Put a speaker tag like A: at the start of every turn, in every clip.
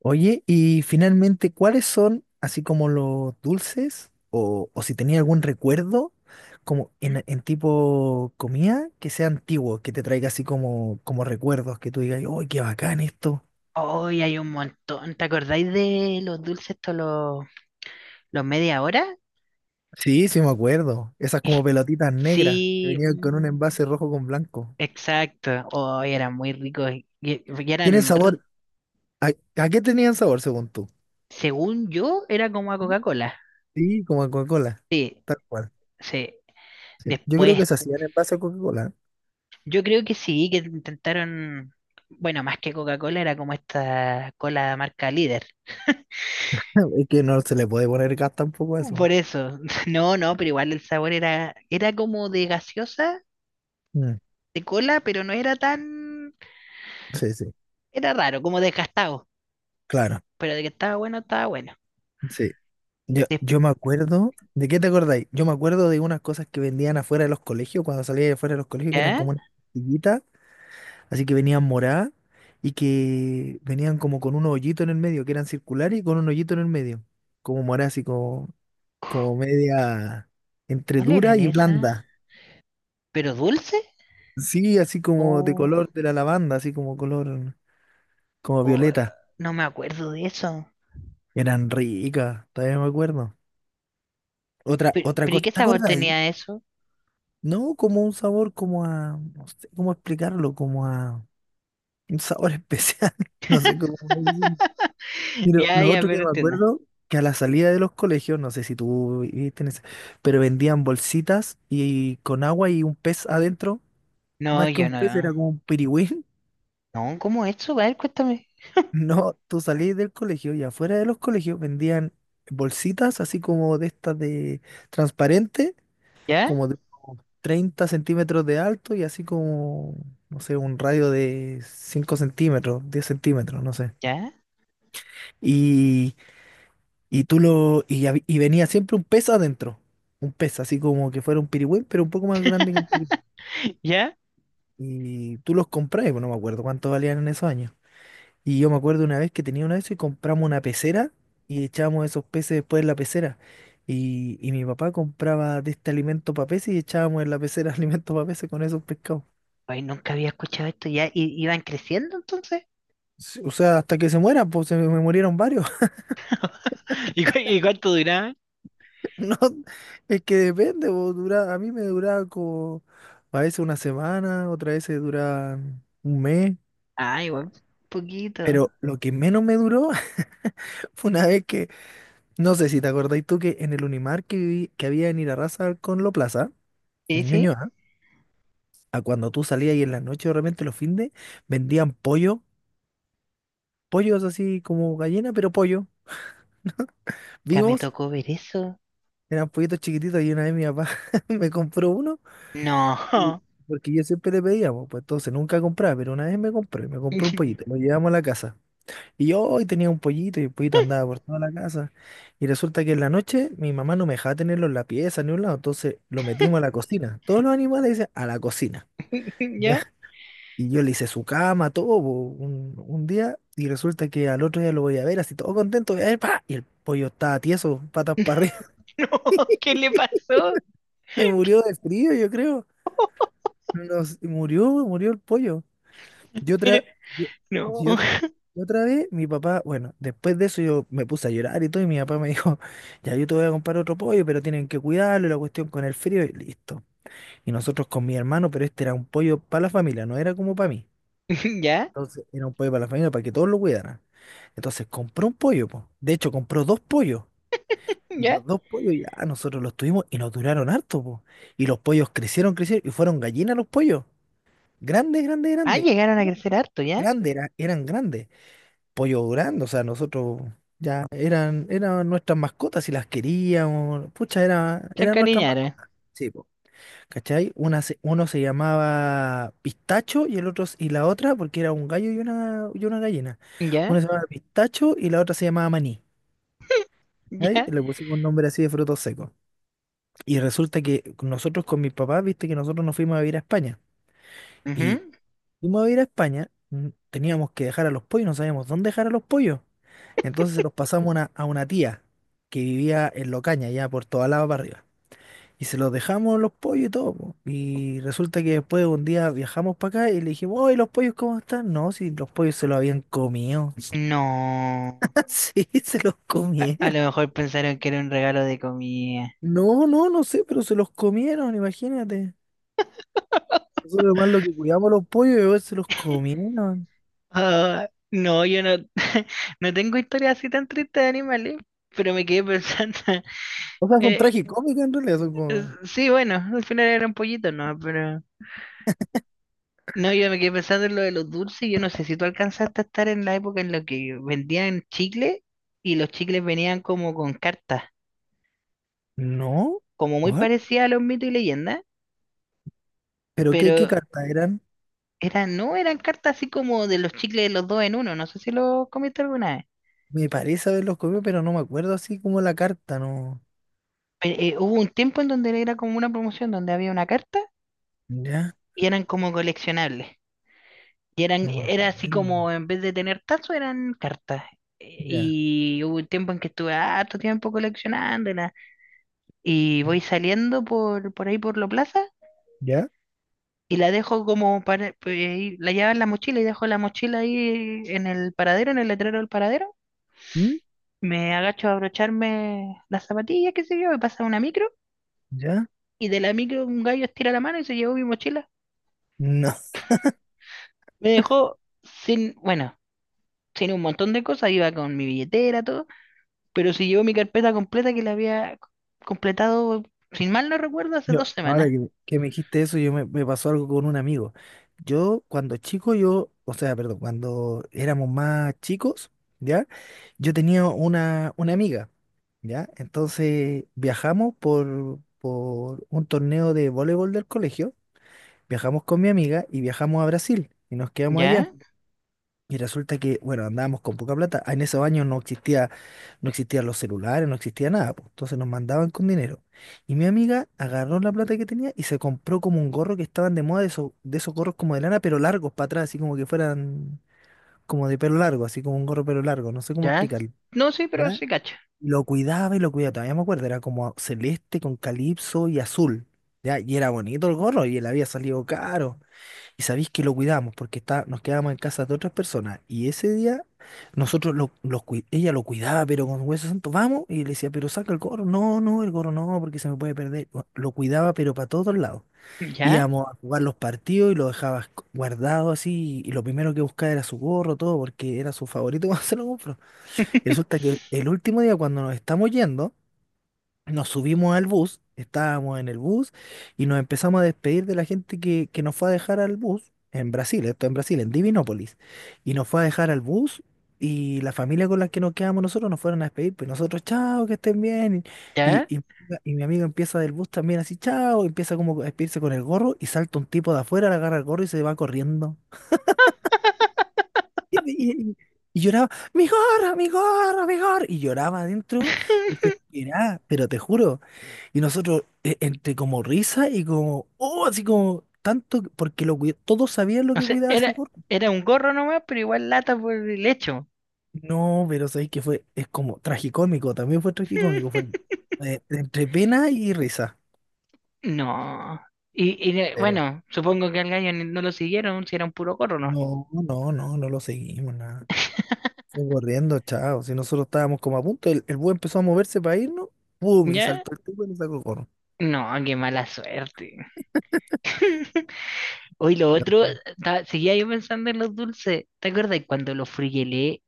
A: Oye, y finalmente, ¿cuáles son, así como los dulces, o si tenía algún recuerdo, como
B: ¿Mm?
A: en tipo comida, que sea antiguo, que te traiga así como recuerdos, que tú digas, ¡ay, qué bacán esto!
B: Hoy hay un montón. ¿Te acordáis de los dulces, estos, los media hora?
A: Sí, sí me acuerdo. Esas como pelotitas negras que
B: Sí,
A: venían con un envase rojo con blanco.
B: exacto. Hoy eran muy ricos. Y
A: ¿Tienen
B: eran, r-
A: sabor? ¿A, a qué tenían sabor según tú?
B: según yo, era como a Coca-Cola.
A: Sí, como a Coca-Cola,
B: Sí,
A: tal cual.
B: sí.
A: Sí. Yo creo que
B: Después,
A: se hacían en base a Coca-Cola.
B: yo creo que sí, que intentaron, bueno, más que Coca-Cola, era como esta cola marca líder.
A: Es que no se le puede poner gas tampoco a eso.
B: Por eso. No, no, pero igual el sabor era como de gaseosa,
A: Mm,
B: de cola, pero no era tan,
A: sí, sí.
B: era raro, como desgastado.
A: Claro,
B: Pero de que estaba bueno, estaba bueno.
A: sí. Yo me acuerdo, ¿de qué te acordáis? Yo me acuerdo de unas cosas que vendían afuera de los colegios, cuando salía de afuera de los colegios, que eran
B: ¿Ya?
A: como unas pastillitas, así que venían moradas y que venían como con un hoyito en el medio, que eran circulares y con un hoyito en el medio, como morada así como, como media entre
B: ¿Cuál
A: dura
B: eran
A: y
B: esas?
A: blanda.
B: ¿Pero dulce?
A: Sí, así como de
B: O,
A: color de la lavanda, así como color, como
B: o, eh,
A: violeta.
B: no me acuerdo de eso.
A: Eran ricas, todavía me acuerdo. Otra,
B: ¿Pero,
A: otra
B: pero y
A: cosa,
B: qué
A: ¿te
B: sabor
A: acordáis?
B: tenía eso?
A: No, como un sabor como a, no sé cómo explicarlo, como a un sabor especial, no sé cómo decirlo. Mira,
B: Ya,
A: lo
B: ya,
A: otro que
B: pero
A: me
B: entiendo.
A: acuerdo, que a la salida de los colegios, no sé si tú viviste en ese, pero vendían bolsitas y con agua y un pez adentro,
B: No,
A: más que
B: yo
A: un pez era
B: no.
A: como un pirigüín.
B: No, ¿cómo eso? A ver, cuéntame.
A: No, tú salís del colegio y afuera de los colegios vendían bolsitas así como de estas de transparente
B: ¿Ya?
A: como de unos 30 centímetros de alto y así como, no sé, un radio de 5 centímetros, 10 centímetros, no sé.
B: ¿Ya?
A: Y, y tú y venía siempre un pez adentro, un pez, así como que fuera un pirigüín, pero un poco más grande que un pirigüín.
B: ¿Ya?
A: Y tú los compras, pues no me acuerdo cuánto valían en esos años. Y yo me acuerdo una vez que tenía una de esas y compramos una pecera y echábamos esos peces después en la pecera. Y mi papá compraba de este alimento para peces y echábamos en la pecera alimento para peces con esos pescados.
B: Ay, nunca había escuchado esto. ¿Ya? ¿Y iban creciendo entonces?
A: Sí, o sea, hasta que se muera, pues se me murieron varios.
B: ¿Y cu- y cuánto duraba?
A: No, es que depende, pues, dura, a mí me duraba como a veces una semana, otras veces dura un mes.
B: Ah, igual, poquito.
A: Pero lo que menos me duró fue una vez que, no sé si te acordáis tú que en el Unimar que viví, que había en Irarrázaval con Lo Plaza,
B: Sí,
A: en
B: sí,
A: Ñuñoa, a cuando tú salías y en la noche de repente los findes, vendían pollo, pollos así como gallina, pero pollo,
B: ya me
A: vivos,
B: tocó ver eso.
A: eran pollitos chiquititos y una vez mi papá me compró uno. Y-
B: No.
A: Porque yo siempre le pedía, po, pues entonces nunca compraba, pero una vez me compré un pollito, lo llevamos a la casa. Y yo hoy tenía un pollito y el pollito andaba por toda la casa. Y resulta que en la noche mi mamá no me dejaba tenerlo en la pieza ni un lado, entonces lo metimos a la cocina. Todos los animales dicen a la cocina. ¿Ya?
B: ¿Ya?
A: Y yo le hice su cama, todo, po, un día, y resulta que al otro día lo voy a ver, así todo contento, voy a ver, ¡pa! Y el pollo estaba tieso, patas para arriba.
B: No, ¿qué le pasó?
A: Se
B: ¿Qué?
A: murió de frío, yo creo. Nos, murió el pollo. Y
B: Pero,
A: otra, yo-
B: no.
A: y otra, y otra vez mi papá, bueno, después de eso yo me puse a llorar y todo, y mi papá me dijo, ya yo te voy a comprar otro pollo, pero tienen que cuidarlo, y la cuestión con el frío, y listo. Y nosotros con mi hermano, pero este era un pollo para la familia, no era como para mí.
B: ¿Ya?
A: Entonces era un pollo para la familia, para que todos lo cuidaran. Entonces compró un pollo, po. De hecho, compró dos pollos. Y
B: ¿Ya?
A: los dos pollos ya nosotros los tuvimos y nos duraron harto, po. Y los pollos crecieron, crecieron y fueron gallinas los pollos. Grandes, grandes,
B: Ah,
A: grandes.
B: llegaron a crecer harto, ¿ya?
A: Grandes, eran grandes. Pollo grande, o sea, nosotros ya eran nuestras mascotas y las queríamos, pucha, era,
B: Se
A: eran nuestras
B: encariñaron.
A: mascotas. Sí, po. ¿Cachai? Uno se llamaba Pistacho y y la otra, porque era un gallo y una gallina. Una
B: ¿Ya?
A: se llamaba Pistacho y la otra se llamaba Maní. ¿Cachai? Y
B: ¿Ya?
A: le pusimos un nombre así de frutos secos. Y resulta que nosotros con mis papás, viste que nosotros nos fuimos a vivir a España. Y
B: Ujú.
A: y fuimos a ir a España, teníamos que dejar a los pollos, no sabíamos dónde dejar a los pollos. Entonces se los pasamos a una tía que vivía en Locaña, ya por toda la para arriba. Y se los dejamos los pollos y todo, po. Y resulta que después un día viajamos para acá y le dijimos, oye, ¿los pollos cómo están? No, si los pollos se los habían comido.
B: No.
A: Sí, se los
B: A
A: comieron.
B: lo mejor pensaron que era un regalo de comida.
A: No, no, no sé, pero se los comieron, imagínate. Nosotros más lo que cuidamos a los pollos y se los comieron.
B: Ah, no, yo no, no tengo historias así tan tristes de animales, pero me quedé pensando.
A: O sea, son
B: eh,
A: tragicómicas en realidad, son como...
B: Sí, bueno, al final era un pollito, ¿no? Pero no, yo me quedé pensando en lo de los dulces. Y yo no sé si tú alcanzaste a estar en la época en la que vendían chicles y los chicles venían como con cartas,
A: No,
B: como muy
A: ¿cuál?
B: parecidas a los mitos y leyendas,
A: ¿Pero qué, qué
B: pero
A: carta eran?
B: eran, no eran cartas así como de los chicles de los dos en uno. No sé si lo comiste alguna vez.
A: Me parece haberlos comido, pero no me acuerdo así como la carta, no.
B: Pero, hubo un tiempo en donde era como una promoción donde había una carta
A: Ya,
B: y eran como coleccionables. Y eran,
A: no me
B: era así
A: acuerdo.
B: como, en vez de tener tazos, eran cartas.
A: Ya.
B: Y hubo un tiempo en que estuve harto tiempo coleccionándola. Y voy saliendo por ahí por la plaza
A: ¿Ya?
B: y la dejo como para, pues, ahí, la llevo en la mochila y dejo la mochila ahí en el paradero, en el letrero del paradero.
A: ¿Mm?
B: Me agacho a abrocharme las zapatillas, qué sé yo, me pasa una micro
A: ¿Ya?
B: y de la micro un gallo estira la mano y se llevó mi mochila.
A: No.
B: Me dejó sin, bueno, sin un montón de cosas, iba con mi billetera, todo, pero si llevo mi carpeta completa que la había completado, sin mal no recuerdo, hace
A: Yo,
B: dos
A: ahora
B: semanas.
A: que me dijiste eso, yo me pasó algo con un amigo. Yo, cuando chico, yo, o sea, perdón, cuando éramos más chicos, ¿ya? Yo tenía una amiga, ¿ya? Entonces viajamos por un torneo de voleibol del colegio. Viajamos con mi amiga y viajamos a Brasil y nos quedamos allá.
B: ¿Ya?
A: Y resulta que, bueno, andábamos con poca plata. Ah, en esos años no existían los celulares, no existía nada, pues. Entonces nos mandaban con dinero. Y mi amiga agarró la plata que tenía y se compró como un gorro que estaban de moda de esos gorros como de lana, pero largos para atrás, así como que fueran como de pelo largo, así como un gorro pero largo, no sé cómo
B: ¿Ya?
A: explicarlo.
B: No, sí, pero
A: ¿Ya?
B: se cacha.
A: Y lo cuidaba y lo cuidaba, todavía me acuerdo, era como celeste con calipso y azul. ¿Ya? Y era bonito el gorro y él había salido caro. Y sabéis que lo cuidamos porque está, nos quedábamos en casa de otras personas. Y ese día nosotros ella lo cuidaba, pero con hueso santo, vamos. Y le decía, pero saca el gorro. No, no, el gorro no, porque se me puede perder. Bueno, lo cuidaba, pero para todos lados.
B: ¿Ya?
A: Íbamos a jugar los partidos y lo dejaba guardado así. Y lo primero que buscaba era su gorro, todo, porque era su favorito cuando se lo compró. Y resulta que el último día, cuando nos estamos yendo, nos subimos al bus, estábamos en el bus y nos empezamos a despedir de la gente que nos fue a dejar al bus en Brasil, esto en Brasil, en Divinópolis. Y nos fue a dejar al bus y la familia con la que nos quedamos nosotros nos fueron a despedir, pues nosotros, chao, que estén bien. Y,
B: ¿Ya?
A: y, y mi amigo empieza del bus también así, chao, empieza como a despedirse con el gorro y salta un tipo de afuera, le agarra el gorro y se va corriendo. Y, y- y- y lloraba, mi gorro, mi gorro, mi gorro. Y lloraba adentro, desesperada, pero te juro. Y nosotros, entre como risa y como, oh, así como tanto, que- porque lo cuid- todos sabían lo
B: O
A: que
B: sea,
A: cuidaba ese
B: era,
A: cuerpo.
B: era un gorro nomás, pero igual lata por el hecho.
A: No, pero sabéis que fue, es como tragicómico, también fue tragicómico, fue entre pena y risa.
B: No.
A: Pero
B: Bueno, supongo que al gallo ni- no lo siguieron, si era un puro gorro, ¿no?
A: no, no, no, no lo seguimos, nada. Fue corriendo, chao. Si nosotros estábamos como a punto, el búho empezó a moverse para irnos, ¡pum! Y
B: ¿Ya?
A: saltó el tipo y nos sacó corno.
B: No, qué mala suerte. Hoy lo
A: No,
B: otro,
A: bueno.
B: ta- seguía yo pensando en los dulces. ¿Te acuerdas cuando los frigelé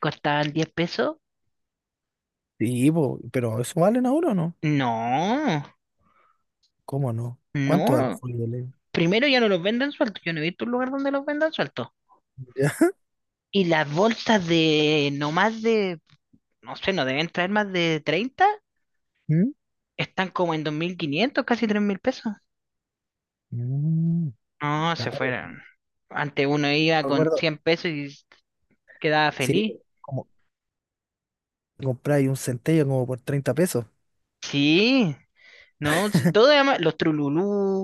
B: costaban 10 pesos?
A: Sí, po, pero ¿eso valen ahora o no?
B: No,
A: ¿Cómo no? ¿Cuánto valen
B: no.
A: fue el-
B: Primero ya no los venden sueltos. Yo no he visto un lugar donde los vendan sueltos.
A: ¿ya?
B: Y las bolsas de no más de, no sé, no deben traer más de 30.
A: ¿Mm?
B: Están como en 2.500, casi 3.000 pesos.
A: Mm,
B: No, se
A: claro.
B: fueron. Antes uno iba
A: Me
B: con
A: acuerdo,
B: 100 pesos y s- quedaba
A: sí,
B: feliz.
A: como compráis un centello como por 30 pesos.
B: Sí, no, s- todo además, los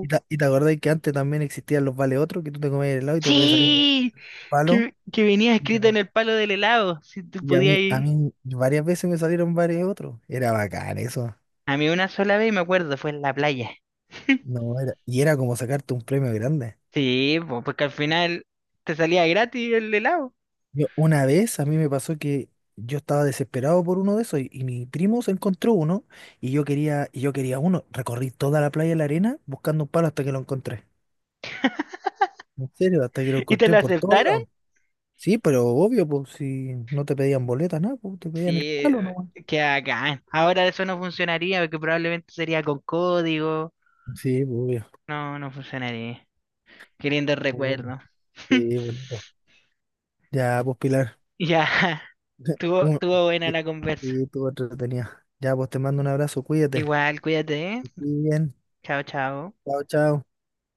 A: Y, ta- y te acordáis que antes también existían los vale otro, que tú te comías el helado y te podía salir un
B: Sí,
A: palo.
B: que venía
A: Y,
B: escrito en el palo del helado, si tú
A: y a
B: podías
A: mí, a
B: ir.
A: mí varias veces me salieron varios otros. Era bacán eso.
B: A mí una sola vez me acuerdo, fue en la playa.
A: No, era, y era como sacarte un premio grande.
B: Sí, po, porque al final te salía gratis el helado.
A: Yo, una vez a mí me pasó que yo estaba desesperado por uno de esos y mi primo se encontró uno y yo quería uno. Recorrí toda la playa de la arena buscando un palo hasta que lo encontré. En serio, hasta que lo
B: ¿Y te
A: encontré
B: lo
A: por todos
B: aceptaron?
A: lados. Sí, pero obvio, pues si no te pedían boletas, nada, pues te pedían el
B: Sí,
A: palo nomás.
B: que acá. Ahora eso no funcionaría porque probablemente sería con código.
A: Sí, pues obvio.
B: No, no funcionaría. Qué lindo
A: Bueno,
B: recuerdo.
A: sí, bonito. Ya, pues Pilar.
B: Ya, tuvo,
A: Un-
B: tuvo buena
A: que-
B: la conversa.
A: sí, tú entretenida. Ya, pues te mando un abrazo, cuídate.
B: Igual, cuídate, ¿eh?
A: Que estés bien.
B: Chao, chao.
A: Chao, chao.